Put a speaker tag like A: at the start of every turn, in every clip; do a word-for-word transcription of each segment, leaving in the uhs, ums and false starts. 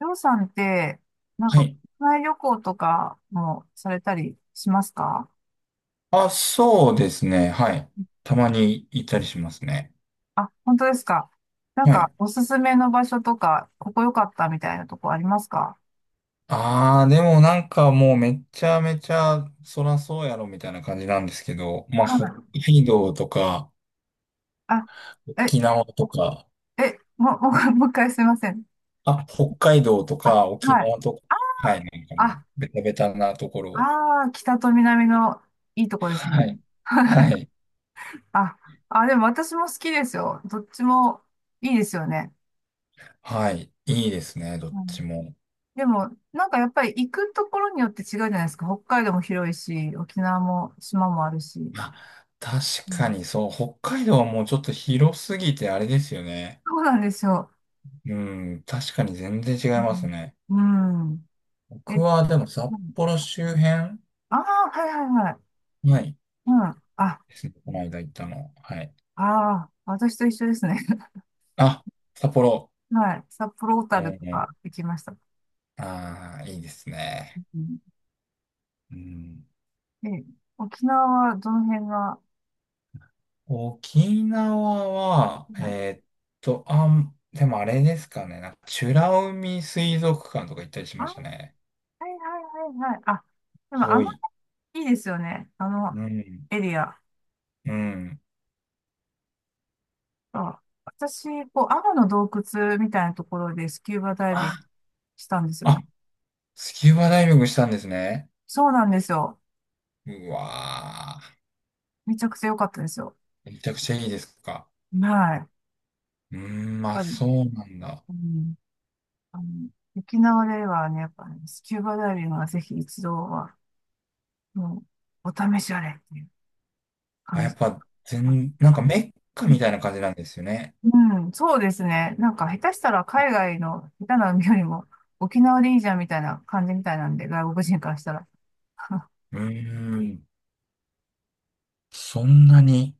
A: りょうさんって、なん
B: は
A: か、
B: い。
A: 国内旅行とかもされたりしますか？
B: あ、そうですね。はい。たまに行ったりしますね。
A: あ、本当ですか。なん
B: は
A: か、
B: い。
A: おすすめの場所とか、ここ良かったみたいなとこありますか？
B: ああ、でもなんかもうめちゃめちゃそらそうやろみたいな感じなんですけど、まあ、
A: は
B: 北
A: い。
B: 海道とか、
A: あ、え、
B: 沖縄とか、
A: え、もう、もう、もう一回すいません。
B: あ、北海道と
A: あ、
B: か、沖
A: はい。
B: 縄とか、はい、なんか
A: あ、
B: もう、ベタベタなところ。
A: あー、北と南のいいとこですね。
B: はい。はい。
A: あ、あ、でも私も好きですよ。どっちもいいですよね。
B: はい。いいですね、どっちも。
A: でも、なんかやっぱり行くところによって違うじゃないですか。北海道も広いし、沖縄も島もあるし。
B: まあ、確
A: う
B: か
A: ん。
B: にそう、北海道はもうちょっと広すぎてあれですよね。
A: そうなんですよ。
B: うん、確かに全然違い
A: う
B: ますね。
A: ん。うん。
B: 僕
A: え、
B: はでも札幌周辺
A: ああー、はいはいはい。
B: ない
A: うん。あ、あ、
B: ですね。この間行ったの。はい。
A: あ、私と一緒ですね。
B: あ、札幌。
A: はい。札幌小
B: う
A: 樽とか
B: ん、
A: 行きました。
B: ああー、いいですね。
A: うん、
B: うん、
A: え、沖縄はどの辺が、
B: 沖縄は、
A: はい。
B: えーっと、あん、でもあれですかね。なんか美ら海水族館とか行ったりし
A: あ、
B: ま
A: は
B: したね。
A: いはいはいはい。あ、でもあ
B: 遠
A: の
B: い。
A: 辺いいですよね。あの
B: うん。
A: エリア。
B: うん。
A: あ、私、こう、アマの洞窟みたいなところでスキューバダイビン
B: あ、
A: グしたんですよ
B: あ、
A: ね。
B: スキューバダイビングしたんですね。
A: そうなんですよ。
B: うわ
A: めちゃくちゃ良かったですよ。
B: ー。めちゃくちゃいいですか。
A: はい。やっ
B: うーん、まあ
A: ぱり、
B: そうなんだ。
A: うん、あの、沖縄ではね、やっぱね、スキューバダイビングはぜひ一度は、もう、お試しあれっていう
B: あ、
A: 感
B: やっ
A: じ。
B: ぱ、
A: あ、
B: 全、なんかメッカみたいな感じなんですよね。
A: うん、そうですね。なんか、下手したら海外の下手な海よりも、沖縄でいいじゃんみたいな感じみたいなんで、外国人からしたら。
B: うーん、そんなに。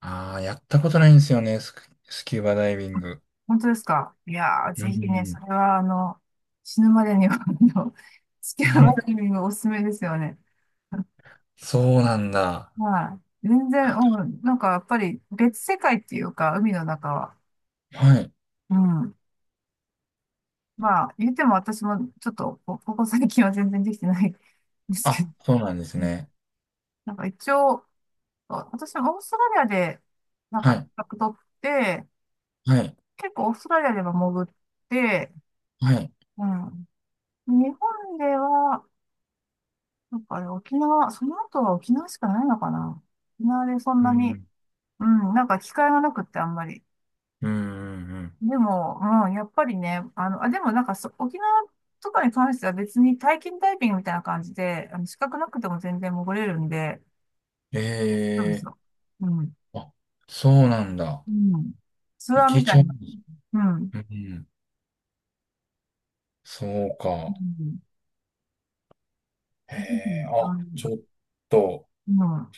B: ああ、やったことないんですよね、スク、スキューバダイビン
A: あ、
B: グ。
A: 本当ですか。いやー、
B: うー
A: ぜひね、それ
B: ん。
A: は、あの、死ぬまでには、あの、スキャバダイビ ングおすすめですよね。
B: そうなんだ。
A: はい。全然、
B: あ
A: うん、なんかやっぱり別世界っていうか、海の中は。
B: はい。
A: うん。まあ、言っても私もちょっと、こここ最近は全然できてないんですけ
B: あ、
A: ど、
B: そうなんです
A: うん、
B: ね。
A: なんか一応、あ、私はオーストラリアで、なん
B: は
A: か、
B: い。
A: 資格取って、
B: はい。
A: 結構オーストラリアでも潜って、
B: はい。
A: うん。日本では、なんかあれ、沖縄、その後は沖縄しかないのかな。沖縄でそん
B: う
A: なに、
B: ん。
A: うん、なんか機会がなくってあんまり。
B: うん。うん。
A: でも、うん、やっぱりね、あの、あ、でもなんかそ、沖縄とかに関しては別に体験ダイビングみたいな感じで、あの、資格なくても全然潜れるんで、そうです
B: ええ
A: よ。うん。
B: ー。あ、そうなんだ。
A: うん。ツ
B: い
A: アー
B: け
A: みたい
B: ちゃう。
A: な。うん。
B: うん。そう
A: う
B: か。
A: ん。
B: へ
A: ぜひ、う
B: え、
A: ん。
B: あ、
A: あ
B: ちょっと。
A: の、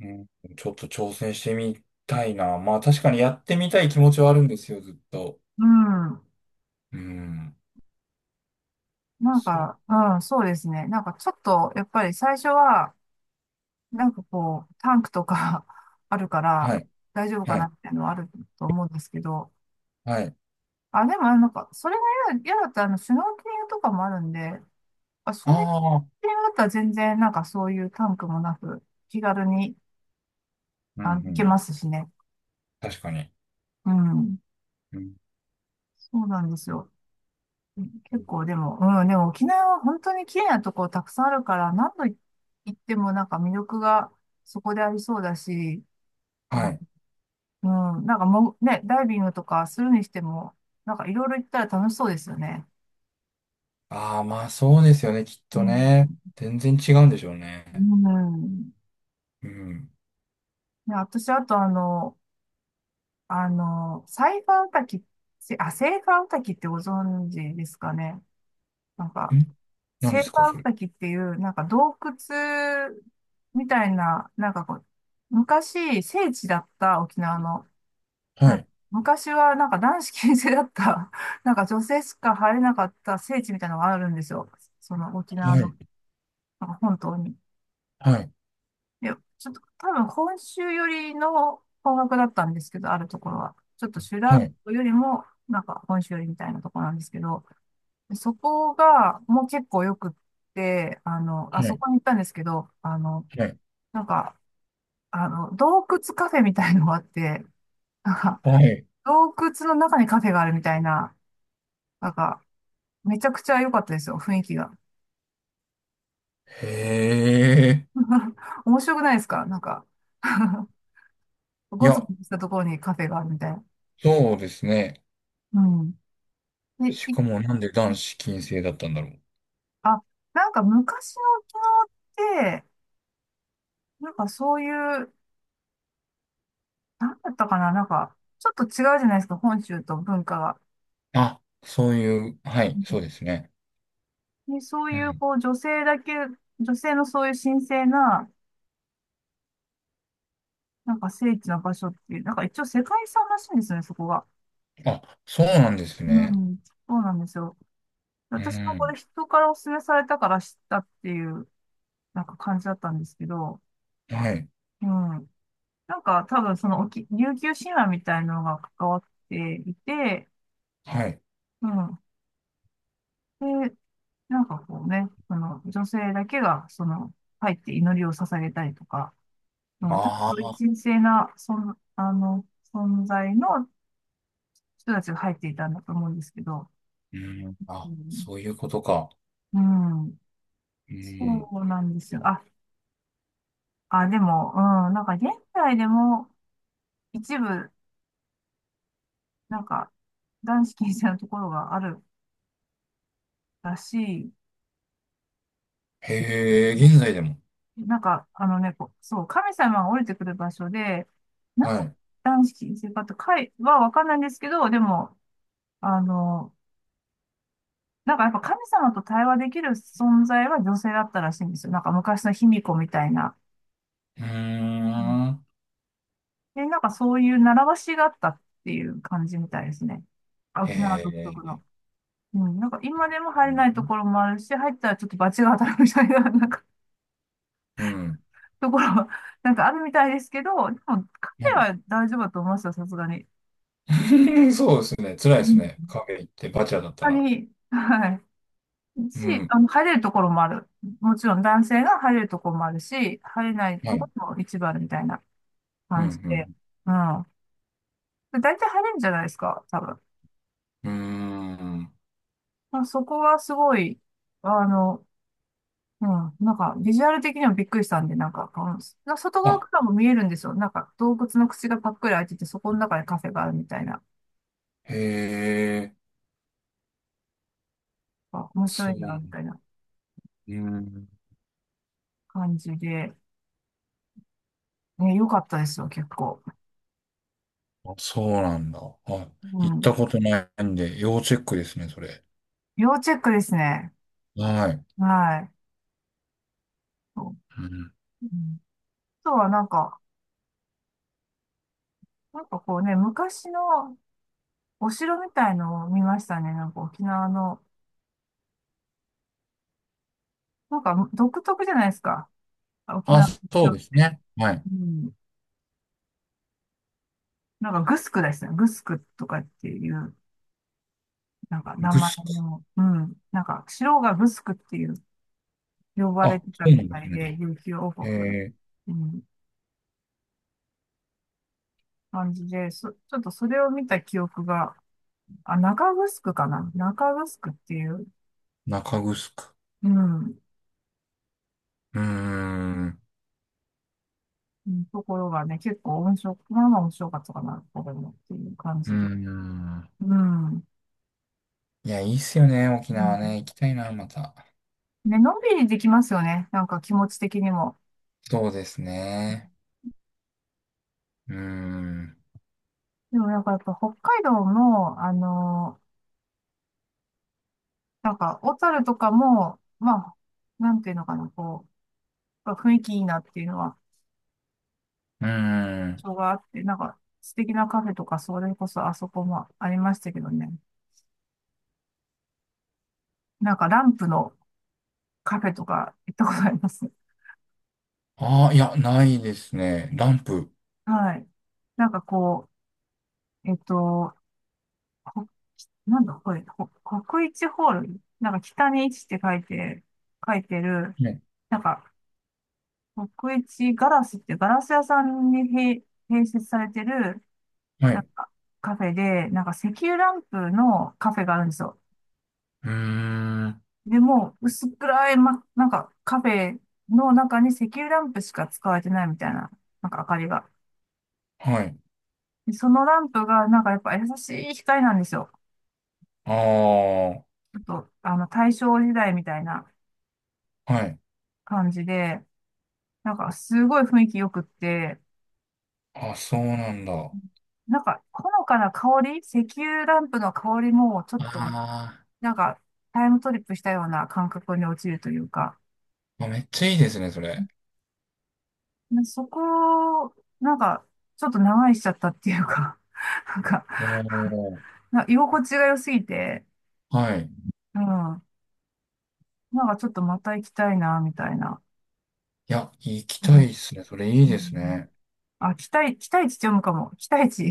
B: うん、ちょっと挑戦してみたいな。まあ確かにやってみたい気持ちはあるんですよ、ずっと。
A: うん。うん、
B: うん。
A: なん
B: そう。
A: か、うん、そうですね。なんかちょっと、やっぱり最初は、なんかこう、タンクとか あるか
B: は
A: ら、
B: い。
A: 大丈夫か
B: は
A: な
B: い。
A: っていうのはあると思うんですけど、
B: はい。
A: あ、でもあの、なんか、それが嫌だ嫌だったら、あの、シュノーケリングとかもあるんで、あ、シュ
B: あ
A: ノー
B: あ。
A: ケリングだったら全然なんかそういうタンクもなく、気軽に、
B: うんう
A: あの、行け
B: ん。
A: ますしね。
B: 確かに。
A: うん。
B: うん、
A: そうなんですよ。結構でも、うん、でも沖縄は本当に綺麗なとこたくさんあるから、何度行ってもなんか魅力がそこでありそうだし、
B: は
A: あ、
B: い。
A: うん、なんかもうね、ダイビングとかするにしても、なんかいろいろ行ったら楽しそうですよね。
B: ああ、まあそうですよね、きっ
A: う
B: と
A: ん。
B: ね。全然違うんでしょう
A: う
B: ね。
A: ん。
B: うん。ん、
A: ね、私、あとあの、あの、サイファーウタキ、せあ、セイファーウタキってご存知ですかね。なんか、
B: 何
A: セ
B: で
A: イファ
B: すか、そ
A: ーウ
B: れ。
A: タキっていう、なんか洞窟みたいな、なんかこう、昔、聖地だった沖縄の、な
B: は
A: んか
B: い。
A: 昔はなんか男子禁制だった、なんか女性しか入れなかった聖地みたいなのがあるんですよ。その沖
B: は
A: 縄の、
B: い。
A: なんか本当に。
B: はい。
A: いや、ちょっと多分本州よりの方角だったんですけど、あるところは。ちょっと修羅
B: はい。
A: 道よりも、なんか本州よりみたいなところなんですけど、そこがもう結構よくって、あの、
B: は
A: あそ
B: い。
A: こに行ったんですけど、あの、
B: はい。
A: なんか、あの、洞窟カフェみたいのがあって、なんか、
B: はい、
A: 洞窟の中にカフェがあるみたいな、なんか、めちゃくちゃ良かったですよ、雰囲気が。
B: へえ。
A: 面白くないですかなんか。
B: い
A: ごつご
B: や、
A: つしたところにカフェがあるみたいな。
B: そうですね。
A: うん。え、
B: し
A: い、
B: かもなんで男子禁制だったんだろう。
A: あ、なんか昔の沖縄って、なんかそういう、なんだったかな、なんか、ちょっと違うじゃないですか、本州と文化が。
B: あ、そういう、は
A: う
B: い、そ
A: ん。
B: うですね。
A: で、そう
B: う
A: いう、
B: ん。
A: こう、女性だけ、女性のそういう神聖な、なんか聖地の場所っていう、なんか一応世界遺産らしいんですよね、そこが。
B: あ、そうなんです
A: う
B: ね。
A: ん、そうなんですよ。
B: う
A: 私もこれ
B: ん。
A: 人からお勧めされたから知ったっていう、なんか感じだったんですけど、
B: はい、
A: うん。なんか多分その沖、琉球神話みたいなのが関わっていて、
B: はい。
A: うん。で、なんかこうね、その女性だけが、その、入って祈りを捧げたりとか、うん、多
B: あ
A: 分
B: あ、
A: 神聖な、そん、あの、存在の人たちが入っていたんだと思うんですけど、
B: うん。
A: う
B: あ、
A: ん、
B: そういうことか。
A: うん、
B: うん。
A: そうなんですよ。あ、あ、でも、うん、なんか現代でも一部、なんか、男子禁制のところがあるらしい
B: へ
A: で
B: え、
A: すね。
B: 現在でも。
A: なんか、あのね、こうそう、神様が降りてくる場所で、な
B: は
A: ぜ
B: い。
A: 男子禁制かとかいはわかんないんですけど、でも、あの、なんかやっぱ神様と対話できる存在は女性だったらしいんですよ。なんか昔の卑弥呼みたいな。
B: うー
A: うん。
B: ん。
A: で、なんかそういう習わしがあったっていう感じみたいですね。
B: へ
A: 沖縄独特の。
B: え。
A: うん、なんか今でも入れないところもあるし、入ったらちょっと罰が当たるみたいな、なんか
B: うん。
A: ところは、なんかあるみたいですけど、でも彼
B: う
A: は大丈夫だと思いますよ、さすがに。
B: ん。 そうですね。辛い
A: う
B: です
A: ん
B: ね。カフェ行ってバチャだった
A: ぱ
B: ら。
A: に、はい。
B: う
A: し、
B: ん。
A: あの、入れるところもある。もちろん男性が入れるところもあるし、入れない
B: は
A: と
B: い。
A: ころも一番みたいな
B: う
A: 感じで。
B: ん、
A: うん。で、大体入れるんじゃないですか、多分。
B: うん。うーん。
A: まあ、そこはすごい、あの、うん、なんか、ビジュアル的にもびっくりしたんで、なんか、うんな外側
B: あ、
A: からも見えるんですよ。なんか、洞窟の口がパックリ開いてて、そこの中にカフェがあるみたいな、
B: へえ、
A: あ、面白
B: そ
A: いな、み
B: う。
A: たいな
B: うん、
A: 感じで、ね、良かったですよ、結構。
B: あ、そうなんだ。は
A: う
B: い。行った
A: ん。
B: ことないんで、要チェックですね、それ。
A: 要チェックですね。
B: はい。
A: はい。
B: うん、
A: うん。あとはなんか、なんかこうね、昔のお城みたいのを見ましたね。なんか沖縄の、なんか独特じゃないですか。沖
B: あ、
A: 縄の
B: そう
A: 城。
B: ですね。はい。
A: うん。なんかグスクですね。グスクとかっていう、なんか名
B: グ
A: 前
B: スク。
A: の、うん。なんか城がグスクっていう呼ばれ
B: あ、
A: て
B: そ
A: た
B: う
A: み
B: なんで
A: た
B: す
A: いで、
B: ね。
A: 琉球王
B: え
A: 国の、
B: ー、
A: うん、感じで、そ、ちょっとそれを見た記憶が、あ、中グスクかな。中グスクっていう、
B: 中グスク。
A: うん。
B: うーん。
A: うん、ところがね、結構温床、まあまあ温床かったかな、これもっていう感
B: うー
A: じで。
B: ん。
A: うん。う
B: いや、いいっすよね、沖縄
A: ん、
B: ね。行きたいな、また。
A: ね、のんびりできますよね。なんか気持ち的にも。
B: そうですね。うーん。
A: でもなんかやっぱ北海道の、あのー、なんか小樽とかも、まあ、なんていうのかな、こう、やっぱ雰囲気いいなっていうのは、
B: うーん。
A: 場があって、なんか素敵なカフェとか、それこそあそこもありましたけどね。なんかランプのカフェとか行ったことあります。
B: ああ、いや、ないですね。ランプ。
A: はい。なんかこう、えっと、こ、なんだこれ、こ国一ホール、なんか北に一って書いて、書いてる、
B: ね。
A: なんか国一ガラスってガラス屋さんに併併設されてる、
B: はい。
A: なん
B: う
A: かカフェで、なんか石油ランプのカフェがあるんですよ。
B: ーん。
A: でも、薄暗い、ま、なんかカフェの中に石油ランプしか使われてないみたいな、なんか明かりが。
B: はい。
A: で、そのランプがなんかやっぱ優しい光なんですよ。
B: ああ。
A: ちょっと、あの、大正時代みたいな
B: はい。
A: 感じで、なんかすごい雰囲気良くって、
B: あ、そうなんだ。
A: なんかほのかな香り、石油ランプの香りもちょっと、
B: あ
A: なんかタイムトリップしたような感覚に陥るというか、
B: ーあ、めっちゃいいですね、それ。
A: でそこを、なんかちょっと長いしちゃったっていうか、なんか、
B: おー、
A: な居心地が良すぎて、
B: はい。い
A: うん、なんかちょっとまた行きたいな、みたいな。
B: や、行き
A: う
B: た
A: ん、
B: いですね。それい
A: う
B: いです
A: ん、
B: ね。
A: あ、期待、期待値って読むかも。期待値。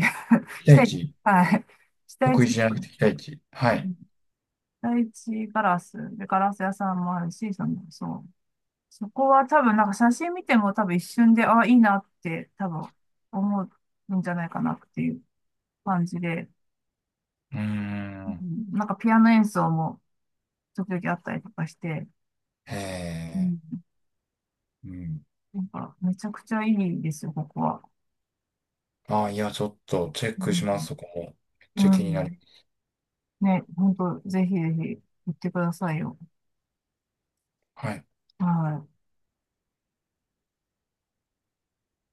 B: 期
A: 期
B: 待
A: 待値。
B: 値。
A: はい。期待
B: 得意
A: 値。
B: じゃなくて期待値。は
A: う
B: い。
A: ん、第一ガラス。で、ガラス屋さんもあるし、その、そう。そこは多分、なんか写真見ても多分一瞬で、あ、いいなって多分思うんじゃないかなっていう感じで、
B: うー
A: う
B: ん。
A: ん、なんかピアノ演奏も時々あったりとかして、
B: へ
A: う
B: え。
A: ん、
B: うん。
A: なんかめちゃくちゃいいですよ、ここは。
B: ああ、いや、ちょっとチェッ
A: う
B: クします、
A: ん、
B: そこも。めっちゃ
A: う
B: 気にな
A: ん、
B: る。
A: ね、本当ぜひぜひ行ってくださいよ。
B: はい。
A: はい。